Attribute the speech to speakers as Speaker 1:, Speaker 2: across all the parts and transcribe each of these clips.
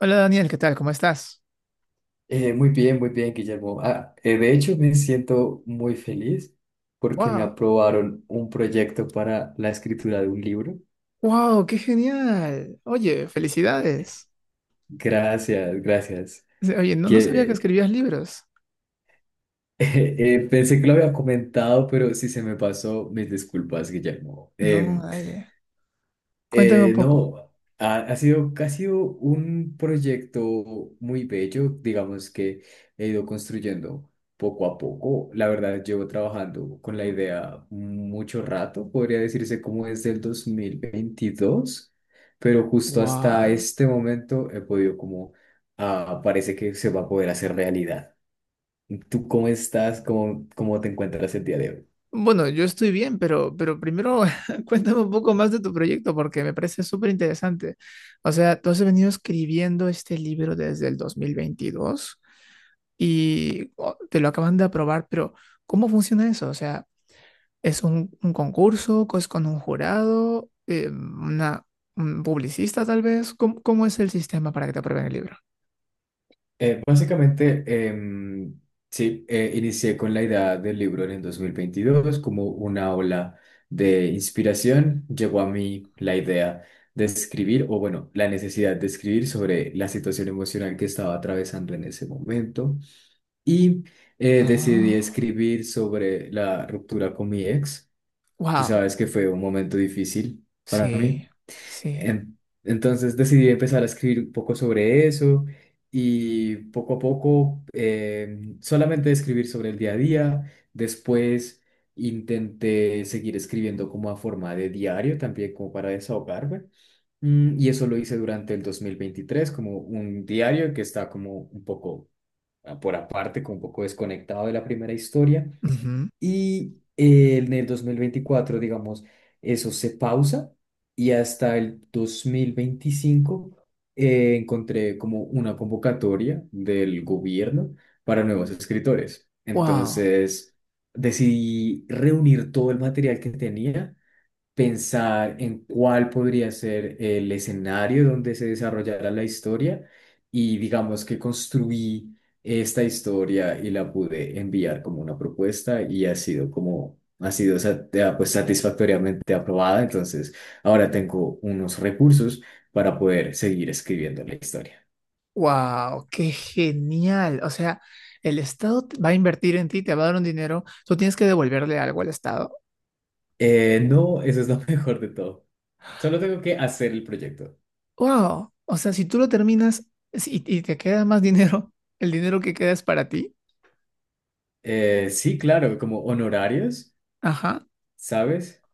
Speaker 1: Hola Daniel, ¿qué tal? ¿Cómo estás?
Speaker 2: Muy bien, muy bien, Guillermo. De hecho, me siento muy feliz porque me
Speaker 1: ¡Wow!
Speaker 2: aprobaron un proyecto para la escritura de un libro.
Speaker 1: ¡Wow! ¡Qué genial! Oye, felicidades.
Speaker 2: Gracias, gracias.
Speaker 1: Oye, no, no sabía que
Speaker 2: Que,
Speaker 1: escribías libros.
Speaker 2: pensé que lo había comentado, pero si se me pasó, mis disculpas, Guillermo.
Speaker 1: No, dale. Cuéntame un poco.
Speaker 2: No, ha sido un proyecto muy bello, digamos que he ido construyendo poco a poco. La verdad, llevo trabajando con la idea mucho rato, podría decirse como desde el 2022, pero justo hasta
Speaker 1: ¡Wow!
Speaker 2: este momento he podido parece que se va a poder hacer realidad. ¿Tú cómo estás? ¿Cómo te encuentras el día de hoy?
Speaker 1: Bueno, yo estoy bien, pero primero cuéntame un poco más de tu proyecto porque me parece súper interesante. O sea, tú has venido escribiendo este libro desde el 2022 y oh, te lo acaban de aprobar, pero ¿cómo funciona eso? O sea, es un concurso, es con un jurado, una, un publicista tal vez. ¿Cómo, cómo es el sistema para que te aprueben el libro?
Speaker 2: Básicamente, em, sí, inicié con la idea del libro en el 2022 como una ola de inspiración. Llegó a mí la idea de escribir, o bueno, la necesidad de escribir sobre la situación emocional que estaba atravesando en ese momento. Y Decidí
Speaker 1: Ah,
Speaker 2: escribir sobre la ruptura con mi ex. Tú
Speaker 1: wow.
Speaker 2: sabes que fue un momento difícil para mí.
Speaker 1: Sí, sí.
Speaker 2: En- entonces decidí empezar a escribir un poco sobre eso y poco a poco solamente escribir sobre el día a día. Después intenté seguir escribiendo como a forma de diario también como para desahogarme. Y eso lo hice durante el 2023 como un diario que está como un poco por aparte, como un poco desconectado de la primera historia.
Speaker 1: Ujú.
Speaker 2: Y en el 2024 digamos, eso se pausa y hasta el 2025 encontré como una convocatoria del gobierno para nuevos escritores.
Speaker 1: Wow,
Speaker 2: Entonces, decidí reunir todo el material que tenía, pensar en cuál podría ser el escenario donde se desarrollara la historia y digamos que construí esta historia y la pude enviar como una propuesta, y ha sido como ha sido pues satisfactoriamente aprobada. Entonces ahora tengo unos recursos para poder seguir escribiendo la historia.
Speaker 1: wow, qué genial. O sea, el Estado va a invertir en ti, te va a dar un dinero, tú tienes que devolverle algo al Estado.
Speaker 2: No, eso es lo mejor de todo. Solo tengo que hacer el proyecto.
Speaker 1: Wow, o sea, si tú lo terminas y te queda más dinero, el dinero que queda es para ti.
Speaker 2: Sí, claro, como honorarios,
Speaker 1: Ajá,
Speaker 2: ¿sabes?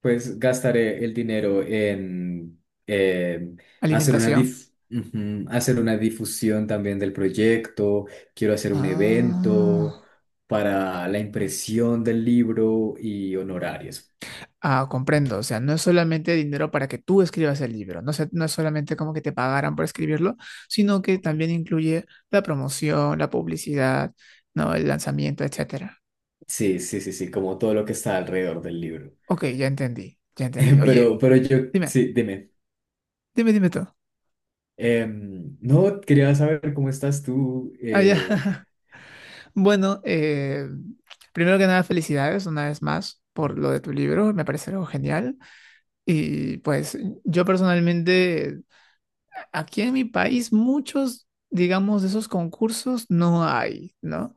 Speaker 2: Pues gastaré el dinero en eh, hacer una
Speaker 1: alimentación.
Speaker 2: hacer una difusión también del proyecto. Quiero hacer un
Speaker 1: Ah,
Speaker 2: evento para la impresión del libro y honorarios.
Speaker 1: ah, comprendo. O sea, no es solamente dinero para que tú escribas el libro. No sé, no es solamente como que te pagaran por escribirlo, sino que también incluye la promoción, la publicidad, ¿no? El lanzamiento, etcétera.
Speaker 2: Sí, sí, sí, sí, como todo lo que está alrededor del libro.
Speaker 1: Ok, ya entendí, ya entendí. Oye,
Speaker 2: Pero yo,
Speaker 1: dime,
Speaker 2: sí, dime.
Speaker 1: dime tú.
Speaker 2: No, quería saber cómo estás tú.
Speaker 1: Ah, ya. Bueno, primero que nada, felicidades una vez más por lo de tu libro. Me parece algo genial. Y pues yo personalmente aquí en mi país muchos, digamos, de esos concursos no hay, ¿no?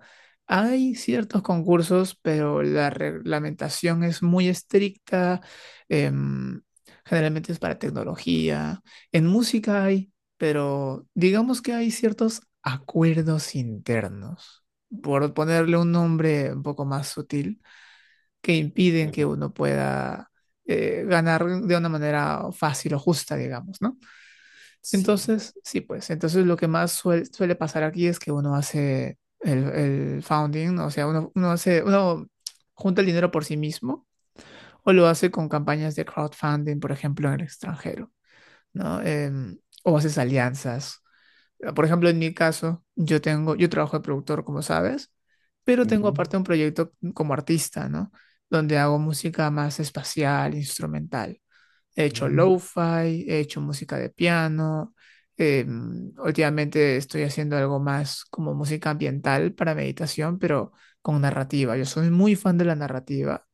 Speaker 1: Hay ciertos concursos, pero la reglamentación es muy estricta. em, Generalmente es para tecnología. En música hay, pero digamos que hay ciertos acuerdos internos, por ponerle un nombre un poco más sutil, que impiden que
Speaker 2: Ujú.
Speaker 1: uno pueda ganar de una manera fácil o justa, digamos, ¿no?
Speaker 2: Sí.
Speaker 1: Entonces, sí, pues, entonces lo que más suele pasar aquí es que uno hace el founding, ¿no? O sea, uno hace, uno junta el dinero por sí mismo o lo hace con campañas de crowdfunding, por ejemplo, en el extranjero, ¿no? O haces alianzas. Por ejemplo, en mi caso, yo tengo, yo trabajo de productor, como sabes, pero tengo
Speaker 2: Ujú.
Speaker 1: aparte un proyecto como artista, ¿no? Donde hago música más espacial, instrumental. He hecho
Speaker 2: Mm.
Speaker 1: lo-fi, he hecho música de piano. Eh, últimamente estoy haciendo algo más como música ambiental para meditación, pero con narrativa. Yo soy muy fan de la narrativa.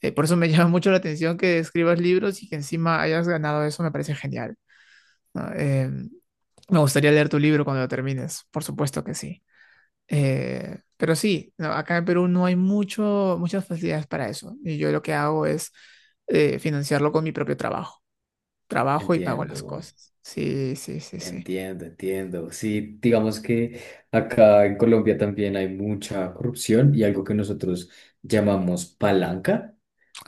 Speaker 1: Por eso me llama mucho la atención que escribas libros y que encima hayas ganado eso, me parece genial, ¿no? Me gustaría leer tu libro cuando lo termines, por supuesto que sí. Pero sí, no, acá en Perú no hay mucho, muchas facilidades para eso. Y yo lo que hago es financiarlo con mi propio trabajo. Trabajo y pago las
Speaker 2: Entiendo.
Speaker 1: cosas. Sí, sí, sí, sí.
Speaker 2: Entiendo, entiendo. Sí, digamos que acá en Colombia también hay mucha corrupción y algo que nosotros llamamos palanca,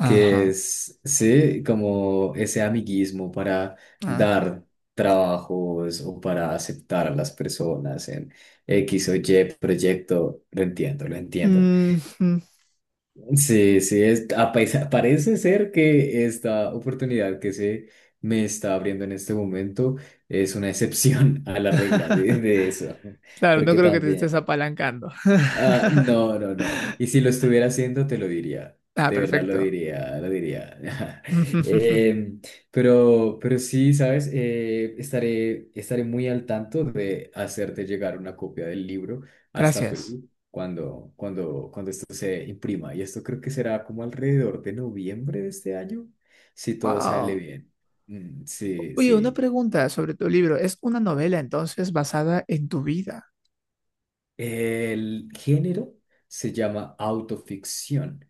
Speaker 2: que
Speaker 1: Ajá,
Speaker 2: es, sí, como ese amiguismo para
Speaker 1: ajá.
Speaker 2: dar trabajos o para aceptar a las personas en X o Y proyecto. Lo entiendo, lo entiendo.
Speaker 1: Mm, mm.
Speaker 2: Sí, sí, es, parece ser que esta oportunidad que se me está abriendo en este momento es una excepción a la regla de eso,
Speaker 1: Claro, no
Speaker 2: porque
Speaker 1: creo que te estés
Speaker 2: también.
Speaker 1: apalancando.
Speaker 2: Ah, no, no, no. Y si lo estuviera haciendo, te lo diría.
Speaker 1: Ah,
Speaker 2: De verdad lo
Speaker 1: perfecto.
Speaker 2: diría, lo diría. Em, pero sí, ¿sabes? Eh, estaré muy al tanto de hacerte llegar una copia del libro hasta
Speaker 1: Gracias.
Speaker 2: Perú cuando, cuando, cuando esto se imprima. Y esto creo que será como alrededor de noviembre de este año, si todo sale
Speaker 1: Wow.
Speaker 2: bien. Sí,
Speaker 1: Oye, una
Speaker 2: sí.
Speaker 1: pregunta sobre tu libro. ¿Es una novela entonces basada en tu vida?
Speaker 2: El género se llama autoficción,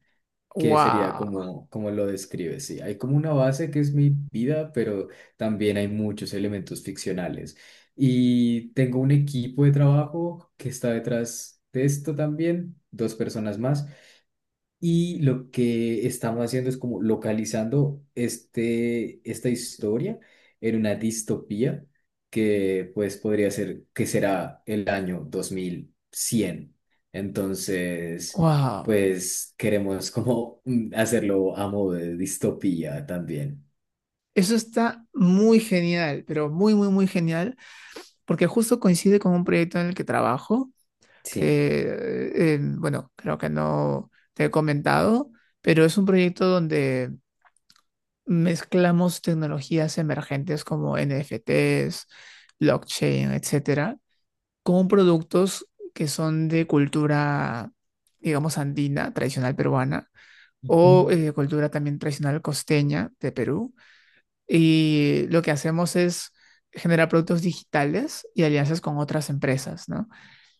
Speaker 2: que sería
Speaker 1: Wow.
Speaker 2: como, como lo describes, sí. Hay como una base que es mi vida, pero también hay muchos elementos ficcionales. Y tengo un equipo de trabajo que está detrás de esto también, dos personas más. Y lo que estamos haciendo es como localizando esta historia en una distopía que pues podría ser que será el año 2100. Entonces,
Speaker 1: Wow.
Speaker 2: pues queremos como hacerlo a modo de distopía también.
Speaker 1: Eso está muy genial, pero muy, muy, muy genial, porque justo coincide con un proyecto en el que trabajo
Speaker 2: Sí.
Speaker 1: que, bueno, creo que no te he comentado, pero es un proyecto donde mezclamos tecnologías emergentes como NFTs, blockchain, etcétera, con productos que son de cultura, digamos, andina, tradicional peruana,
Speaker 2: Ujú.
Speaker 1: o cultura también tradicional costeña de Perú y lo que hacemos es generar productos digitales y alianzas con otras empresas, ¿no?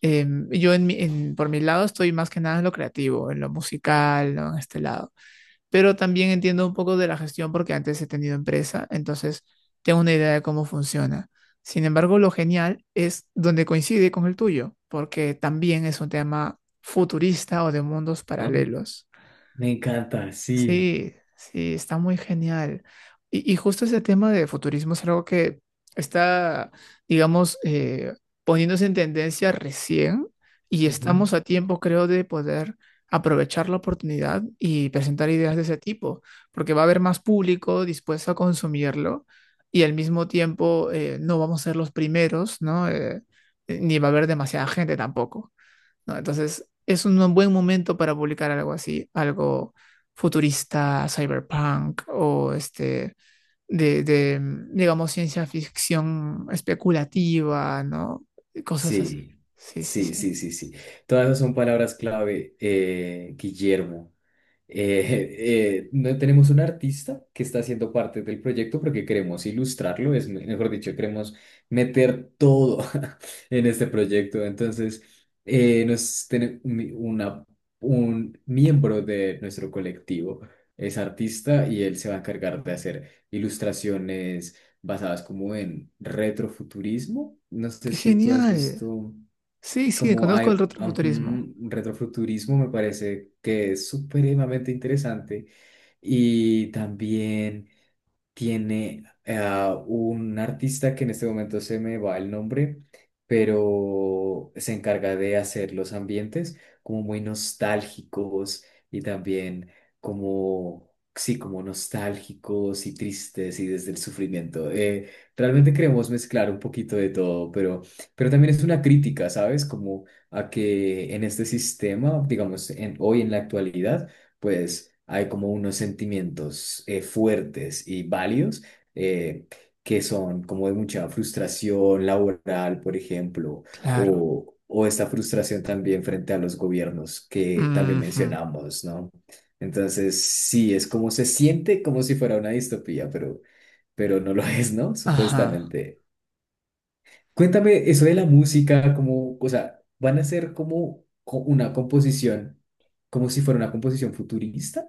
Speaker 1: Eh, yo en por mi lado estoy más que nada en lo creativo, en lo musical, ¿no? En este lado. Pero también entiendo un poco de la gestión porque antes he tenido empresa, entonces tengo una idea de cómo funciona. Sin embargo, lo genial es donde coincide con el tuyo, porque también es un tema futurista o de mundos
Speaker 2: Ah,
Speaker 1: paralelos.
Speaker 2: me encanta, sí.
Speaker 1: Sí, sí, está muy genial. Y justo ese tema de futurismo es algo que está, digamos, poniéndose en tendencia recién y estamos
Speaker 2: Ujú.
Speaker 1: a tiempo, creo, de poder aprovechar la oportunidad y presentar ideas de ese tipo, porque va a haber más público dispuesto a consumirlo y al mismo tiempo no vamos a ser los primeros, ¿no? Ni va a haber demasiada gente tampoco. ¿No? Entonces, es un buen momento para publicar algo así, algo futurista, cyberpunk o este, de, de, digamos, ciencia ficción especulativa, ¿no? Cosas así.
Speaker 2: Sí,
Speaker 1: Sí, sí,
Speaker 2: sí,
Speaker 1: sí.
Speaker 2: sí, sí, sí. Todas esas son palabras clave, Guillermo. Tenemos un artista que está haciendo parte del proyecto porque queremos ilustrarlo, es mejor dicho, queremos meter todo en este proyecto. Entonces, nos tiene un miembro de nuestro colectivo es artista y él se va a encargar de hacer ilustraciones basadas como en retrofuturismo. No sé
Speaker 1: ¡Qué
Speaker 2: si tú has
Speaker 1: genial!
Speaker 2: visto
Speaker 1: Sí, sí,
Speaker 2: como hay,
Speaker 1: conozco el
Speaker 2: ujú,
Speaker 1: retrofuturismo.
Speaker 2: un retrofuturismo, me parece que es supremamente interesante. Y también tiene a un artista que en este momento se me va el nombre, pero se encarga de hacer los ambientes como muy nostálgicos y también como, sí, como nostálgicos y tristes y desde el sufrimiento. Realmente queremos mezclar un poquito de todo, pero también es una crítica, ¿sabes? Como a que en este sistema, digamos, en, hoy en la actualidad, pues hay como unos sentimientos fuertes y válidos eh, que son como de mucha frustración laboral, por ejemplo,
Speaker 1: Claro.
Speaker 2: o esta frustración también frente a los gobiernos que también
Speaker 1: Ujú.
Speaker 2: mencionamos, ¿no? Entonces, sí, es como se siente como si fuera una distopía, pero no lo es, ¿no?
Speaker 1: Ajá.
Speaker 2: Supuestamente. Cuéntame eso de la música, como, o sea, van a ser como una composición, como si fuera una composición futurista.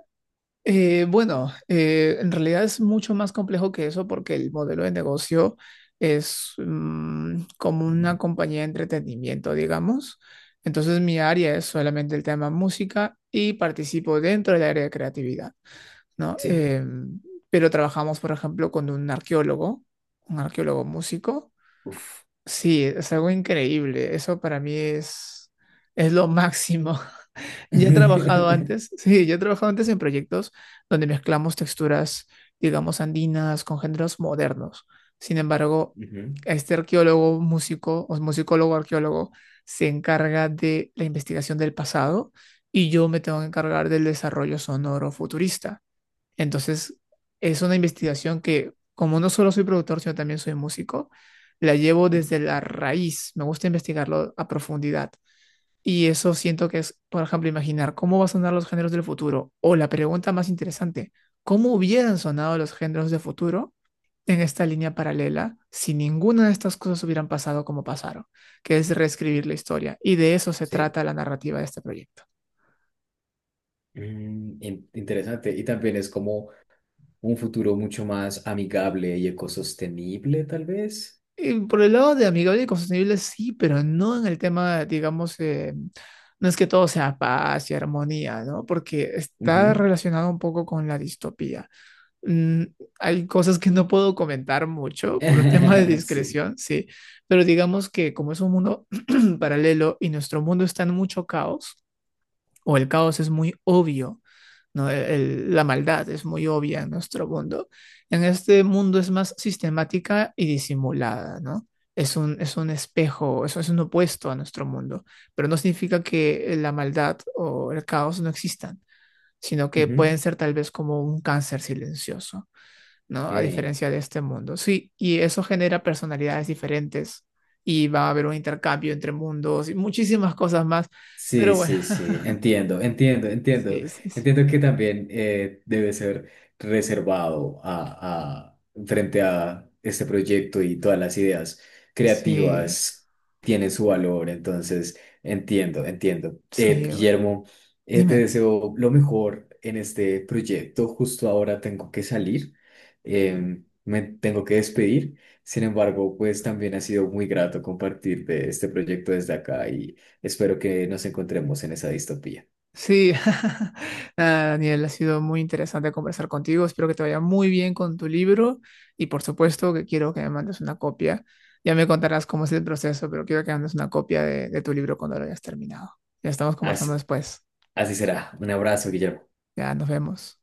Speaker 1: Bueno, en realidad es mucho más complejo que eso porque el modelo de negocio es mm, como una compañía de entretenimiento, digamos. Entonces mi área es solamente el tema música y participo dentro del área de creatividad, ¿no?
Speaker 2: Sí.
Speaker 1: Pero trabajamos, por ejemplo, con un arqueólogo músico.
Speaker 2: Uf.
Speaker 1: Sí, es algo increíble. Eso para mí es lo máximo. Ya he trabajado antes, sí, yo he trabajado antes en proyectos donde mezclamos texturas, digamos, andinas con géneros modernos. Sin embargo,
Speaker 2: Ujú.
Speaker 1: este arqueólogo, músico o musicólogo arqueólogo se encarga de la investigación del pasado y yo me tengo que encargar del desarrollo sonoro futurista. Entonces, es una investigación que, como no solo soy productor, sino también soy músico, la llevo desde la raíz. Me gusta investigarlo a profundidad. Y eso siento que es, por ejemplo, imaginar cómo van a sonar los géneros del futuro. O la pregunta más interesante, ¿cómo hubieran sonado los géneros del futuro en esta línea paralela si ninguna de estas cosas hubieran pasado como pasaron? Que es reescribir la historia. Y de eso se
Speaker 2: Sí.
Speaker 1: trata la narrativa de este proyecto.
Speaker 2: Mm, interesante. Y también es como un futuro mucho más amigable y ecosostenible, tal vez.
Speaker 1: Y por el lado de amigable y sostenible, sí, pero no en el tema, digamos, no es que todo sea paz y armonía, ¿no? Porque está
Speaker 2: Ujú.
Speaker 1: relacionado un poco con la distopía. Mm, hay cosas que no puedo comentar mucho por un tema de
Speaker 2: Sí.
Speaker 1: discreción, sí, pero digamos que como es un mundo paralelo y nuestro mundo está en mucho caos, o el caos es muy obvio, ¿no? La maldad es muy obvia en nuestro mundo. En este mundo es más sistemática y disimulada, ¿no? Es un espejo, eso es un opuesto a nuestro mundo, pero no significa que la maldad o el caos no existan, sino que
Speaker 2: Ujú.
Speaker 1: pueden ser tal vez como un cáncer silencioso. ¿No? A
Speaker 2: Ok.
Speaker 1: diferencia de este mundo. Sí, y eso genera personalidades diferentes y va a haber un intercambio entre mundos y muchísimas cosas más.
Speaker 2: Sí,
Speaker 1: Pero bueno,
Speaker 2: sí, sí, entiendo, entiendo, entiendo.
Speaker 1: sí, sí, sí,
Speaker 2: Entiendo que también debe ser reservado frente a este proyecto, y todas las ideas
Speaker 1: sí,
Speaker 2: creativas tienen su valor, entonces entiendo, entiendo.
Speaker 1: sí, bueno,
Speaker 2: Guillermo, te
Speaker 1: dime.
Speaker 2: deseo lo mejor en este proyecto. Justo ahora tengo que salir, me tengo que despedir. Sin embargo, pues también ha sido muy grato compartir de este proyecto desde acá. Y espero que nos encontremos en esa distopía.
Speaker 1: Sí, nada, Daniel, ha sido muy interesante conversar contigo. Espero que te vaya muy bien con tu libro y por supuesto que quiero que me mandes una copia. Ya me contarás cómo es el proceso, pero quiero que me mandes una copia de tu libro cuando lo hayas terminado. Ya estamos
Speaker 2: Así,
Speaker 1: conversando después.
Speaker 2: así será. Un abrazo, Guillermo.
Speaker 1: Ya nos vemos.